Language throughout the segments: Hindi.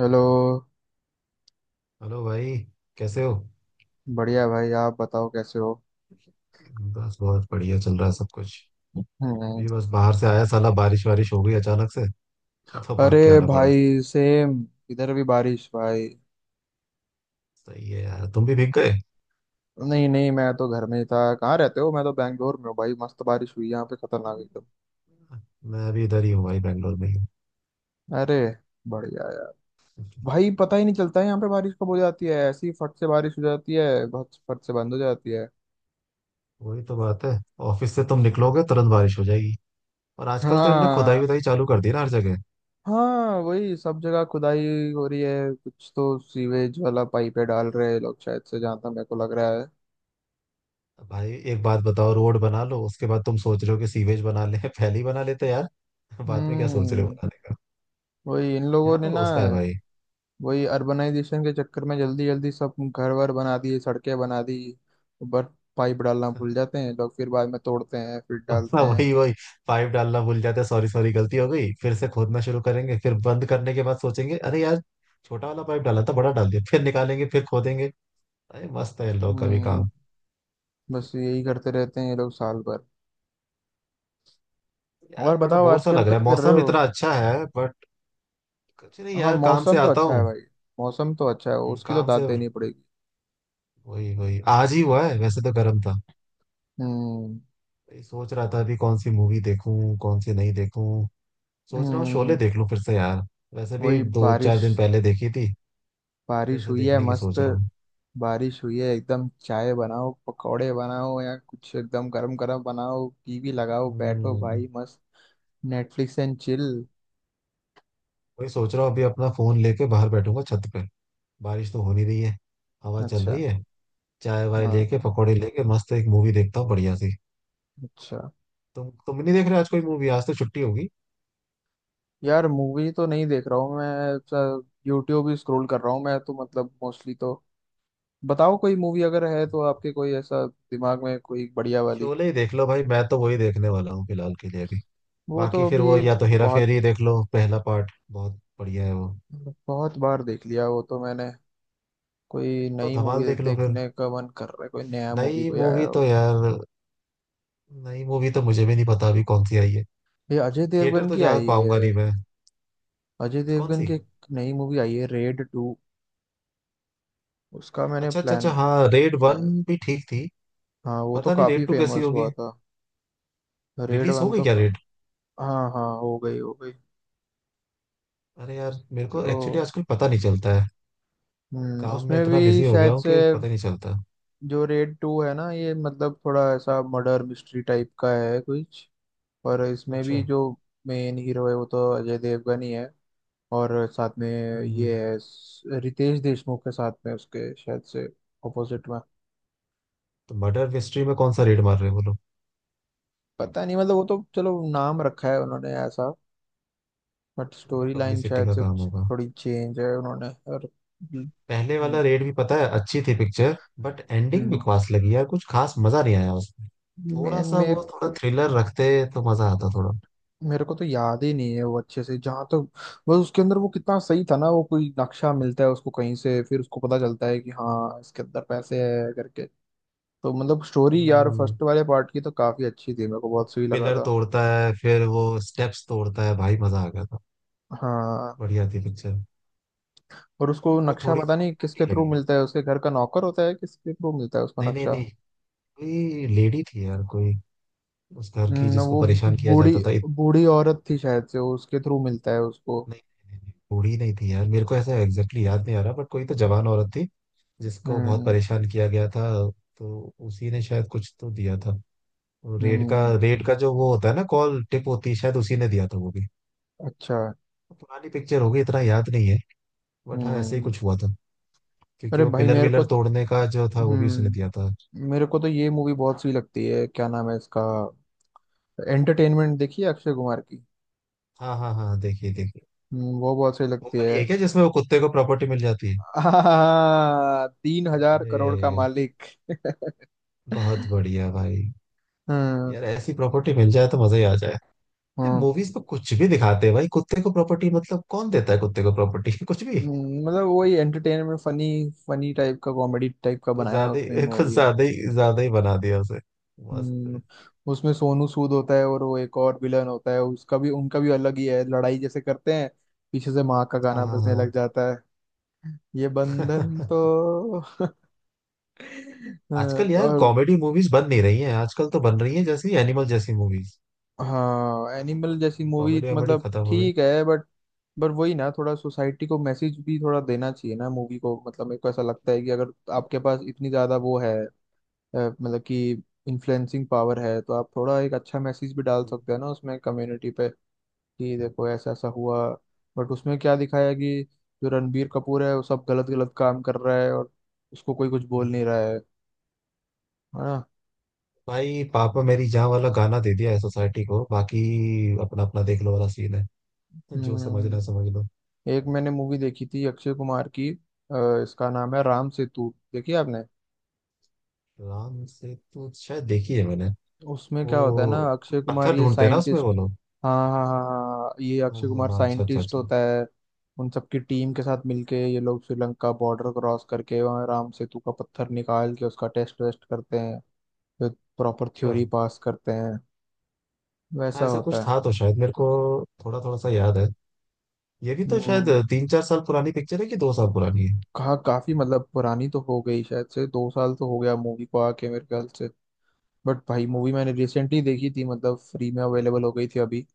हेलो। हेलो भाई। कैसे हो? बढ़िया भाई, आप बताओ कैसे हो? बस बहुत बढ़िया चल रहा है सब कुछ। हम्म। अभी बस बाहर से आया, साला बारिश वारिश हो गई अचानक से, तो भाग के अरे, आना पड़ा। भाई सेम, इधर भी बारिश भाई। सही है यार, तुम भी भीग गए? नहीं नहीं, मैं तो घर में ही था। कहाँ रहते हो? मैं तो बैंगलोर में हूँ भाई, मस्त बारिश हुई यहाँ पे, खतरनाक एकदम। मैं अभी इधर ही हूँ भाई, बैंगलोर में ही हूँ। अरे, बढ़िया यार। भाई पता ही नहीं चलता है यहाँ पे बारिश कब हो जाती है, ऐसी फट से बारिश हो जाती है, फट फट से बंद हो जाती है। वही तो बात है, ऑफिस से तुम निकलोगे तुरंत बारिश हो जाएगी। और आजकल तो इनने खुदाई हाँ। उदाई चालू कर दी ना हर जगह। हाँ, वही सब जगह खुदाई हो रही है। कुछ तो सीवेज वाला पाइप डाल रहे हैं लोग शायद से, जहाँ तक मेरे को लग रहा है। भाई एक बात बताओ, रोड बना लो उसके बाद तुम सोच रहे हो कि सीवेज बना ले पहले ही बना लेते यार। बाद में क्या सोच रहे हो हम्म। बनाने का? वही इन लोगों यहाँ ने तो ना। रोज का है भाई। वही अर्बनाइजेशन के चक्कर में जल्दी जल्दी सब घर वर बना दिए, सड़कें बना दी। ऊपर पाइप डालना भूल जाते हैं लोग, फिर बाद में तोड़ते हैं, फिर हाँ डालते हैं। वही वही, पाइप डालना भूल जाते, सॉरी सॉरी गलती हो गई, फिर से खोदना शुरू करेंगे, फिर बंद करने के बाद सोचेंगे अरे यार, छोटा वाला पाइप डाला था बड़ा डाल दिया, फिर निकालेंगे फिर खोदेंगे। अरे मस्त है इन लोग का भी हम्म, काम। बस यही करते रहते हैं ये लोग साल भर। और यार बड़ा बताओ, बोर सा आजकल लग रहा है, क्या कर रहे मौसम हो? इतना अच्छा है बट। कुछ नहीं हाँ, यार, काम से मौसम तो आता अच्छा है हूँ। भाई। मौसम तो अच्छा है, उसकी तो काम दाद से। देनी पड़ेगी। वही वही, आज ही हुआ है, वैसे तो गर्म था। हम्म। वही सोच रहा था अभी, कौन सी मूवी देखूं कौन सी नहीं देखूं। सोच रहा हूँ हम्म, शोले देख लूं फिर से यार। वैसे भी वही दो चार बारिश। दिन पहले देखी थी, फिर बारिश से हुई है देखने की मस्त। सोच रहा हूँ। बारिश हुई है एकदम, चाय बनाओ, पकौड़े बनाओ या कुछ एकदम गरम गरम बनाओ, टीवी लगाओ, बैठो हम्म, भाई मस्त। Netflix and chill. वही सोच रहा हूँ अभी, अपना फोन लेके बाहर बैठूंगा छत पे। बारिश तो हो नहीं रही है, हवा चल अच्छा। रही है। चाय वाय हाँ। लेके, पकौड़े लेके, मस्त एक मूवी देखता हूँ बढ़िया सी। अच्छा। तुम नहीं देख रहे आज कोई मूवी? आज तो छुट्टी होगी। यार मूवी तो नहीं देख रहा हूँ मैं, यूट्यूब ही स्क्रॉल कर रहा हूँ मैं तो, मतलब मोस्टली तो। बताओ कोई मूवी अगर है तो आपके, कोई ऐसा दिमाग में कोई बढ़िया वाली। शोले ही देख लो भाई, मैं तो वही देखने वाला हूँ फिलहाल के लिए अभी। वो बाकी तो फिर अभी। वो, या तो हेरा बहुत फेरी देख लो, पहला पार्ट बहुत बढ़िया है वो। बहुत बार देख लिया वो तो मैंने। कोई तो नई धमाल मूवी देख लो फिर। देखने का मन कर रहा है, कोई नया मूवी नई कोई आया मूवी तो हो। यार, नई मूवी तो मुझे भी नहीं पता अभी कौन सी आई है। ये अजय थिएटर देवगन तो की जा आई है। पाऊंगा नहीं मैं। अजय कौन देवगन सी? की एक नई मूवी आई है, रेड 2। उसका मैंने अच्छा अच्छा अच्छा, प्लान हाँ रेड किया वन है। भी ठीक थी। हाँ, वो तो पता नहीं काफी रेड टू कैसी फेमस होगी। हुआ था। रेड रिलीज हो वन गई तो क्या रेड? हाँ हाँ, हो गई हो गई। अरे यार मेरे तो को एक्चुअली आजकल पता नहीं चलता है, काम में उसमें इतना भी बिजी हो गया शायद हूँ से। कि पता नहीं चलता। जो रेड 2 है ना ये, मतलब थोड़ा ऐसा मर्डर मिस्ट्री टाइप का है कुछ। और इसमें अच्छा। भी जो मेन हीरो है, वो तो अजय देवगन ही है। और साथ में हम्म। ये है रितेश देशमुख के साथ में, उसके शायद से अपोजिट में। तो मर्डर मिस्ट्री में कौन सा रेड मार रहे हो बोलो? पता नहीं, मतलब वो तो चलो नाम रखा है उन्होंने ऐसा। बट वही स्टोरी लाइन पब्लिसिटी शायद का से काम कुछ होगा। थोड़ी चेंज है उन्होंने, और। पहले वाला रेड भी पता है अच्छी थी पिक्चर, बट एंडिंग हम्म। बकवास लगी यार, कुछ खास मजा नहीं आया उसमें। मैं थोड़ा सा मेरे वो, थोड़ा को थ्रिलर रखते तो मजा आता थोड़ा। मेरे को तो याद ही नहीं है वो अच्छे से, जहाँ तक। बस उसके अंदर वो कितना सही था ना, वो कोई नक्शा मिलता है उसको कहीं से, फिर उसको पता चलता है कि हाँ इसके अंदर पैसे है करके। तो मतलब स्टोरी यार हम्म। फर्स्ट वाले पार्ट की तो काफी अच्छी थी, मेरे को वो बहुत सही लगा पिलर था। तोड़ता है, फिर वो स्टेप्स तोड़ता है, भाई मजा आ गया था। हाँ। बढ़िया थी पिक्चर, और उसको बट वो नक्शा थोड़ी पता नहीं छोटी किसके थ्रू लगी। मिलता है, उसके घर का नौकर होता है, किसके थ्रू मिलता है उसको नहीं नहीं नक्शा? नहीं, कोई लेडी थी यार कोई, उस घर की, जिसको वो परेशान किया बूढ़ी। जाता था इतनी। बूढ़ी औरत थी शायद से, उसके थ्रू मिलता है उसको। बूढ़ी नहीं थी यार, मेरे को ऐसा एग्जैक्टली याद नहीं आ रहा, बट कोई तो जवान औरत थी जिसको बहुत हम्म। परेशान किया गया था। तो उसी ने शायद कुछ तो दिया था। और रेड का, हम्म। रेड का जो वो होता है ना कॉल टिप होती है, शायद उसी ने दिया था वो भी। अच्छा। तो पुरानी पिक्चर होगी, इतना याद नहीं है, बट हाँ ऐसे ही हम्म। कुछ हुआ था। क्योंकि अरे वो भाई, पिलर मेरे को। विलर तोड़ने का जो था वो भी उसने दिया था। हम्म। मेरे को तो ये मूवी बहुत सही लगती है, क्या नाम है इसका? एंटरटेनमेंट देखिए, अक्षय कुमार की। हाँ हाँ हाँ, देखिए देखिए। वो बहुत सही वो लगती वाली है। है क्या, जिसमें वो कुत्ते को प्रॉपर्टी मिल जाती है? हाँ, 3,000 करोड़ का अरे, मालिक। बहुत बढ़िया भाई। हाँ यार ऐसी प्रॉपर्टी मिल जाए तो मजा ही आ जाए। यार हाँ। मूवीज में कुछ भी दिखाते हैं भाई, कुत्ते को प्रॉपर्टी, मतलब कौन देता है कुत्ते को प्रॉपर्टी कुछ भी। मतलब वही एंटरटेनमेंट फनी फनी टाइप का, कॉमेडी टाइप का कुछ बनाया है ज्यादा उसने ही, कुछ मूवी। ज्यादा ही, ज्यादा ही बना दिया उसे। मस्त हम्म, है। उसमें सोनू सूद होता है, और वो एक और विलन होता है, उसका भी उनका भी अलग ही है, लड़ाई जैसे करते हैं। पीछे से माँ का हाँ गाना हाँ बजने लग जाता है। ये बंधन हाँ। तो। अ, आजकल यार और कॉमेडी मूवीज बन नहीं रही हैं, आजकल तो बन रही हैं जैसी एनिमल जैसी मूवीज। हाँ, कहाँ एनिमल जैसी कॉमेडी, मूवी कॉमेडी वॉमेडी मतलब खत्म हो गई। ठीक है, बट। पर वही ना, थोड़ा सोसाइटी को मैसेज भी थोड़ा देना चाहिए ना मूवी को, मतलब मेरे को ऐसा लगता है कि अगर आपके पास इतनी ज्यादा वो है। मतलब कि। इन्फ्लुएंसिंग पावर है तो आप थोड़ा एक अच्छा मैसेज भी डाल सकते हैं ना उसमें कम्युनिटी पे। कि देखो ऐसा ऐसा हुआ। बट उसमें क्या दिखाया कि। जो रणबीर कपूर है वो सब गलत गलत काम कर रहा है, और। उसको कोई कुछ बोल हम्म। नहीं रहा है। है ना? भाई पापा मेरी जान वाला गाना दे दिया है सोसाइटी को, बाकी अपना अपना देख लो वाला सीन है। जो समझना हम्म। समझ लो। एक मैंने मूवी देखी थी अक्षय कुमार की, इसका नाम है राम सेतु, देखी आपने? राम से तू शायद देखी है मैंने। उसमें क्या होता है ना, वो कुछ अक्षय कुमार पत्थर ये ढूंढते हैं ना उसमें वो साइंटिस्ट। लोग। हाँ हाँ हाँ हाँ हाँ, ये हाँ अक्षय हाँ कुमार हाँ, अच्छा अच्छा साइंटिस्ट अच्छा। होता है। उन सबकी टीम के साथ मिलके ये लोग श्रीलंका बॉर्डर क्रॉस करके वहाँ राम सेतु का पत्थर निकाल के उसका टेस्ट वेस्ट करते हैं। फिर। प्रॉपर थ्योरी अच्छा। पास करते हैं। हाँ वैसा ऐसा कुछ होता है। था तो, शायद मेरे को थोड़ा थोड़ा सा याद है। ये भी तो शायद हम्म, 3-4 साल पुरानी पिक्चर है कि 2 साल पुरानी है। कहा काफी मतलब पुरानी तो हो गई शायद से, 2 साल तो हो गया मूवी को आके मेरे ख्याल से। बट भाई हाँ, मूवी मैंने रिसेंटली देखी थी, मतलब फ्री में अवेलेबल हो गई थी अभी।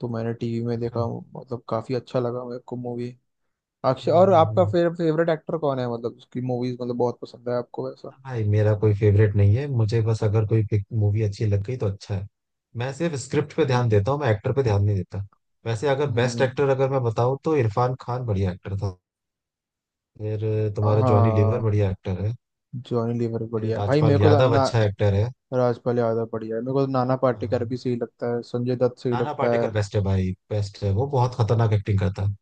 तो मैंने टीवी में देखा। अच्छा। मतलब काफी अच्छा लगा मेरे को मूवी। अक्षय, हम्म और हम्म आपका हम्म। फेवरेट एक्टर कौन है? मतलब उसकी मूवीज मतलब बहुत पसंद है आपको वैसा। भाई मेरा कोई फेवरेट नहीं है, मुझे बस अगर कोई मूवी अच्छी लग गई तो अच्छा है। मैं सिर्फ स्क्रिप्ट पे ध्यान हम्म देता हूँ, मैं एक्टर पे ध्यान नहीं देता। वैसे अगर बेस्ट हम्म, एक्टर अगर मैं बताऊँ तो इरफान खान बढ़िया एक्टर था। फिर तुम्हारा जॉनी लीवर हाँ, बढ़िया एक्टर है। जॉनी लीवर फिर बढ़िया है। भाई राजपाल मेरे को तो यादव ना। अच्छा एक्टर है। राजपाल यादव बढ़िया है, मेरे को तो नाना पाटेकर भी हाँ। सही लगता है, संजय दत्त सही नाना लगता है। पाटेकर बेस्ट है भाई, बेस्ट है, वो बहुत खतरनाक एक्टिंग करता है।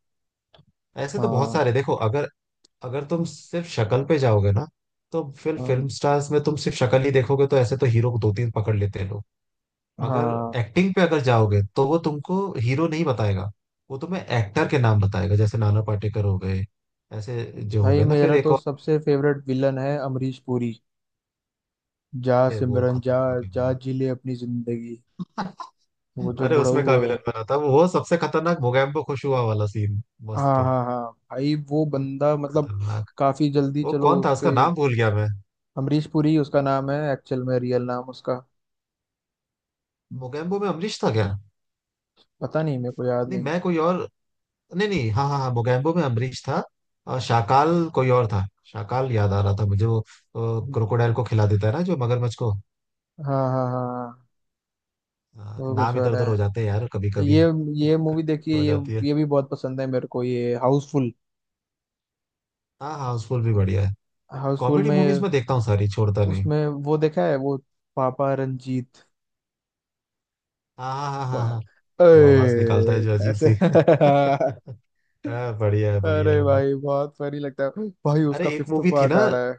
ऐसे तो बहुत हाँ सारे, देखो अगर, अगर तुम सिर्फ शक्ल पे जाओगे ना तो फिर हाँ फिल्म स्टार्स में तुम सिर्फ शक्ल ही देखोगे, तो ऐसे तो हीरो को 2-3 पकड़ लेते हैं लोग। हाँ, मगर एक्टिंग पे अगर जाओगे तो वो तुमको हीरो नहीं बताएगा, वो तुम्हें एक्टर के नाम बताएगा, जैसे नाना पाटेकर हो गए, ऐसे जो हो भाई गए ना, फिर मेरा एक तो और। सबसे फेवरेट विलन है अमरीश पुरी। जा अरे वो सिमरन जा। खतरनाक है जा यार। जी ले अपनी जिंदगी। वो जो अरे उसमें का बुढ़ऊ विलन है। बना था वो सबसे खतरनाक, मोगैम्बो खुश हुआ वाला सीन, मस्त, हाँ हाँ हाँ, भाई वो बंदा मतलब। खतरनाक। काफी जल्दी वो चलो, कौन था, उसका उसके। नाम भूल गया मैं। अमरीश पुरी उसका नाम है एक्चुअल में, रियल नाम उसका। मोगेम्बो में अमरीश था क्या? पता नहीं, मेरे को याद नहीं नहीं। मैं कोई और, नहीं नहीं, हाँ हाँ हाँ, मोगेम्बो में अमरीश था। और शाकाल कोई और था, शाकाल याद आ रहा था मुझे वो, क्रोकोडाइल को खिला देता है ना, जो मगरमच्छ को। हाँ हाँ हाँ हाँ, वो कुछ नाम इधर और उधर है। हो जाते हैं यार कभी तो कभी ये मूवी कभी देखिए हो ये। जाती है। ये भी बहुत पसंद है मेरे को, ये हाउसफुल। हाँ हाँ, हाउसफुल भी बढ़िया है। हाउसफुल कॉमेडी मूवीज में। में देखता हूँ सारी, छोड़ता नहीं। उसमें वो देखा है वो। पापा रंजीत। हाँ हाँ हाँ हाँ पा- हाँ। वो आवाज निकालता है जो अजीब ऐसे। सी हाँ बढ़िया है, बढ़िया अरे है बहुत। भाई, बहुत फनी लगता है भाई, अरे उसका एक फिफ्थ मूवी थी पार्ट ना, आ रहा है।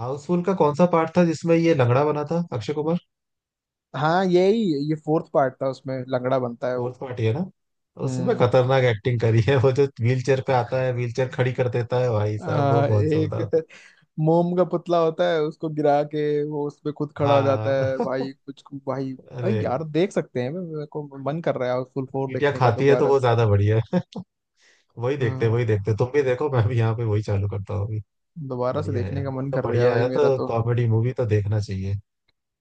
हाउसफुल का कौन सा पार्ट था जिसमें ये लंगड़ा बना था अक्षय कुमार? हाँ यही। ये फोर्थ पार्ट था, उसमें लंगड़ा बनता है वो। फोर्थ पार्टी है ना? तो उसमें हम्म। खतरनाक एक्टिंग करी है, वो जो व्हील चेयर पे आता है, व्हील चेयर खड़ी कर देता है, भाई साहब वो बहुत जोरदार था। एक मोम का पुतला होता है, उसको गिरा के। वो उसपे खुद खड़ा हो जाता हाँ है भाई, कुछ भाई भाई अरे यार, देख सकते हैं मेरे को। मन कर रहा है फुल फोर चींटियां देखने का खाती है तो दोबारा वो से। ज्यादा बढ़िया है। वही देखते, हाँ। वही देखते, तुम भी देखो, मैं भी यहाँ पे वही चालू करता हूँ अभी। दोबारा से बढ़िया है देखने यार का मन बहुत, तो कर गया बढ़िया भाई है मेरा तो तो। कॉमेडी मूवी तो देखना चाहिए।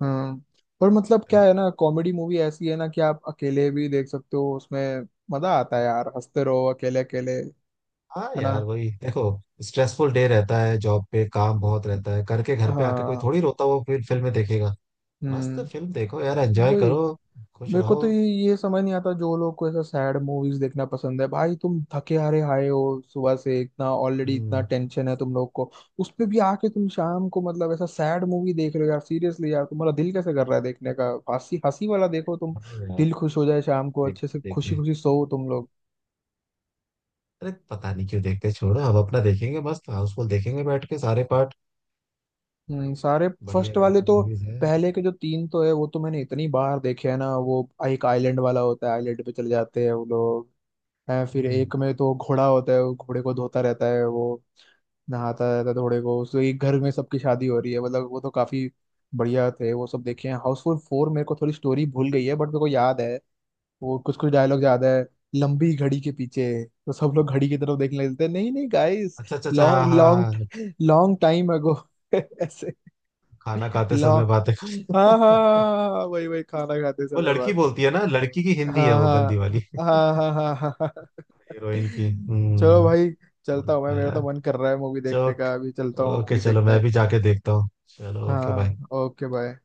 हम्म। पर मतलब क्या है ना, कॉमेडी मूवी ऐसी है ना कि आप अकेले भी देख सकते हो उसमें। मजा आता है यार, हंसते रहो अकेले अकेले, है हाँ ना? यार, वही देखो, स्ट्रेसफुल डे रहता है, जॉब पे काम बहुत रहता है करके, घर पे आके कोई हाँ। थोड़ी रोता हुआ फिर फिल्में देखेगा। मस्त हम्म। फिल्म देखो यार, एंजॉय वही। करो, खुश मेरे को रहो। तो ये समझ नहीं आता, जो लोग को ऐसा सैड मूवीज देखना पसंद है। भाई तुम थके हारे आए हो। सुबह से इतना ऑलरेडी इतना हम्म। टेंशन है तुम लोग को। उस पे भी आके तुम शाम को मतलब ऐसा सैड मूवी देख रहे हो यार, सीरियसली यार तुम्हारा दिल कैसे कर रहा है देखने का? हंसी हंसी वाला देखो तुम। हाँ दिल यार। खुश हो जाए, शाम को देख, अच्छे से खुशी देखे, खुशी सो तुम लोग। अरे पता नहीं क्यों देखते, छोड़ो, हम अपना देखेंगे, मस्त हाउसफुल देखेंगे बैठ के सारे पार्ट। सारे। बढ़िया फर्स्ट वाले बढ़िया तो। मूवीज है। पहले के जो तीन तो है वो तो मैंने इतनी बार देखे है ना, वो एक आइलैंड वाला होता है, आइलैंड पे चले जाते हैं वो लोग। है, फिर हम्म। एक में तो घोड़ा होता है, वो घोड़े को धोता रहता है वो। नहाता रहता है घोड़े को, उसके एक घर में सबकी शादी हो रही है, मतलब वो तो काफी। बढ़िया थे वो सब देखे हैं। हाउसफुल 4 मेरे को थोड़ी स्टोरी भूल गई है, बट मेरे को याद है। वो कुछ कुछ डायलॉग याद है। लंबी घड़ी के पीछे। तो सब लोग घड़ी की तरफ देखने लगते हैं, नहीं नहीं गाइस। अच्छा अच्छा अच्छा, हाँ लॉन्ग हाँ हाँ, लॉन्ग। लॉन्ग टाइम अगो। ऐसे। खाना खाते समय लॉन्ग। बातें हाँ करते हाँ। हाँ, वही वही खाना खाते वो समय लड़की बात। बोलती है ना, लड़की की हिंदी है हाँ वो गंदी हाँ वाली हाँ हाँ हाँ हाँ हाँ। हीरोइन की। चलो हम्म। भाई। चलता हूँ मस्त मैं, है मेरा तो यार। मन कर रहा है मूवी देखने चौक, का, अभी चलता हूँ ओके, मूवी चलो मैं देखने। भी जाके देखता हूँ। चलो, ओके, बाय। हाँ, ओके बाय।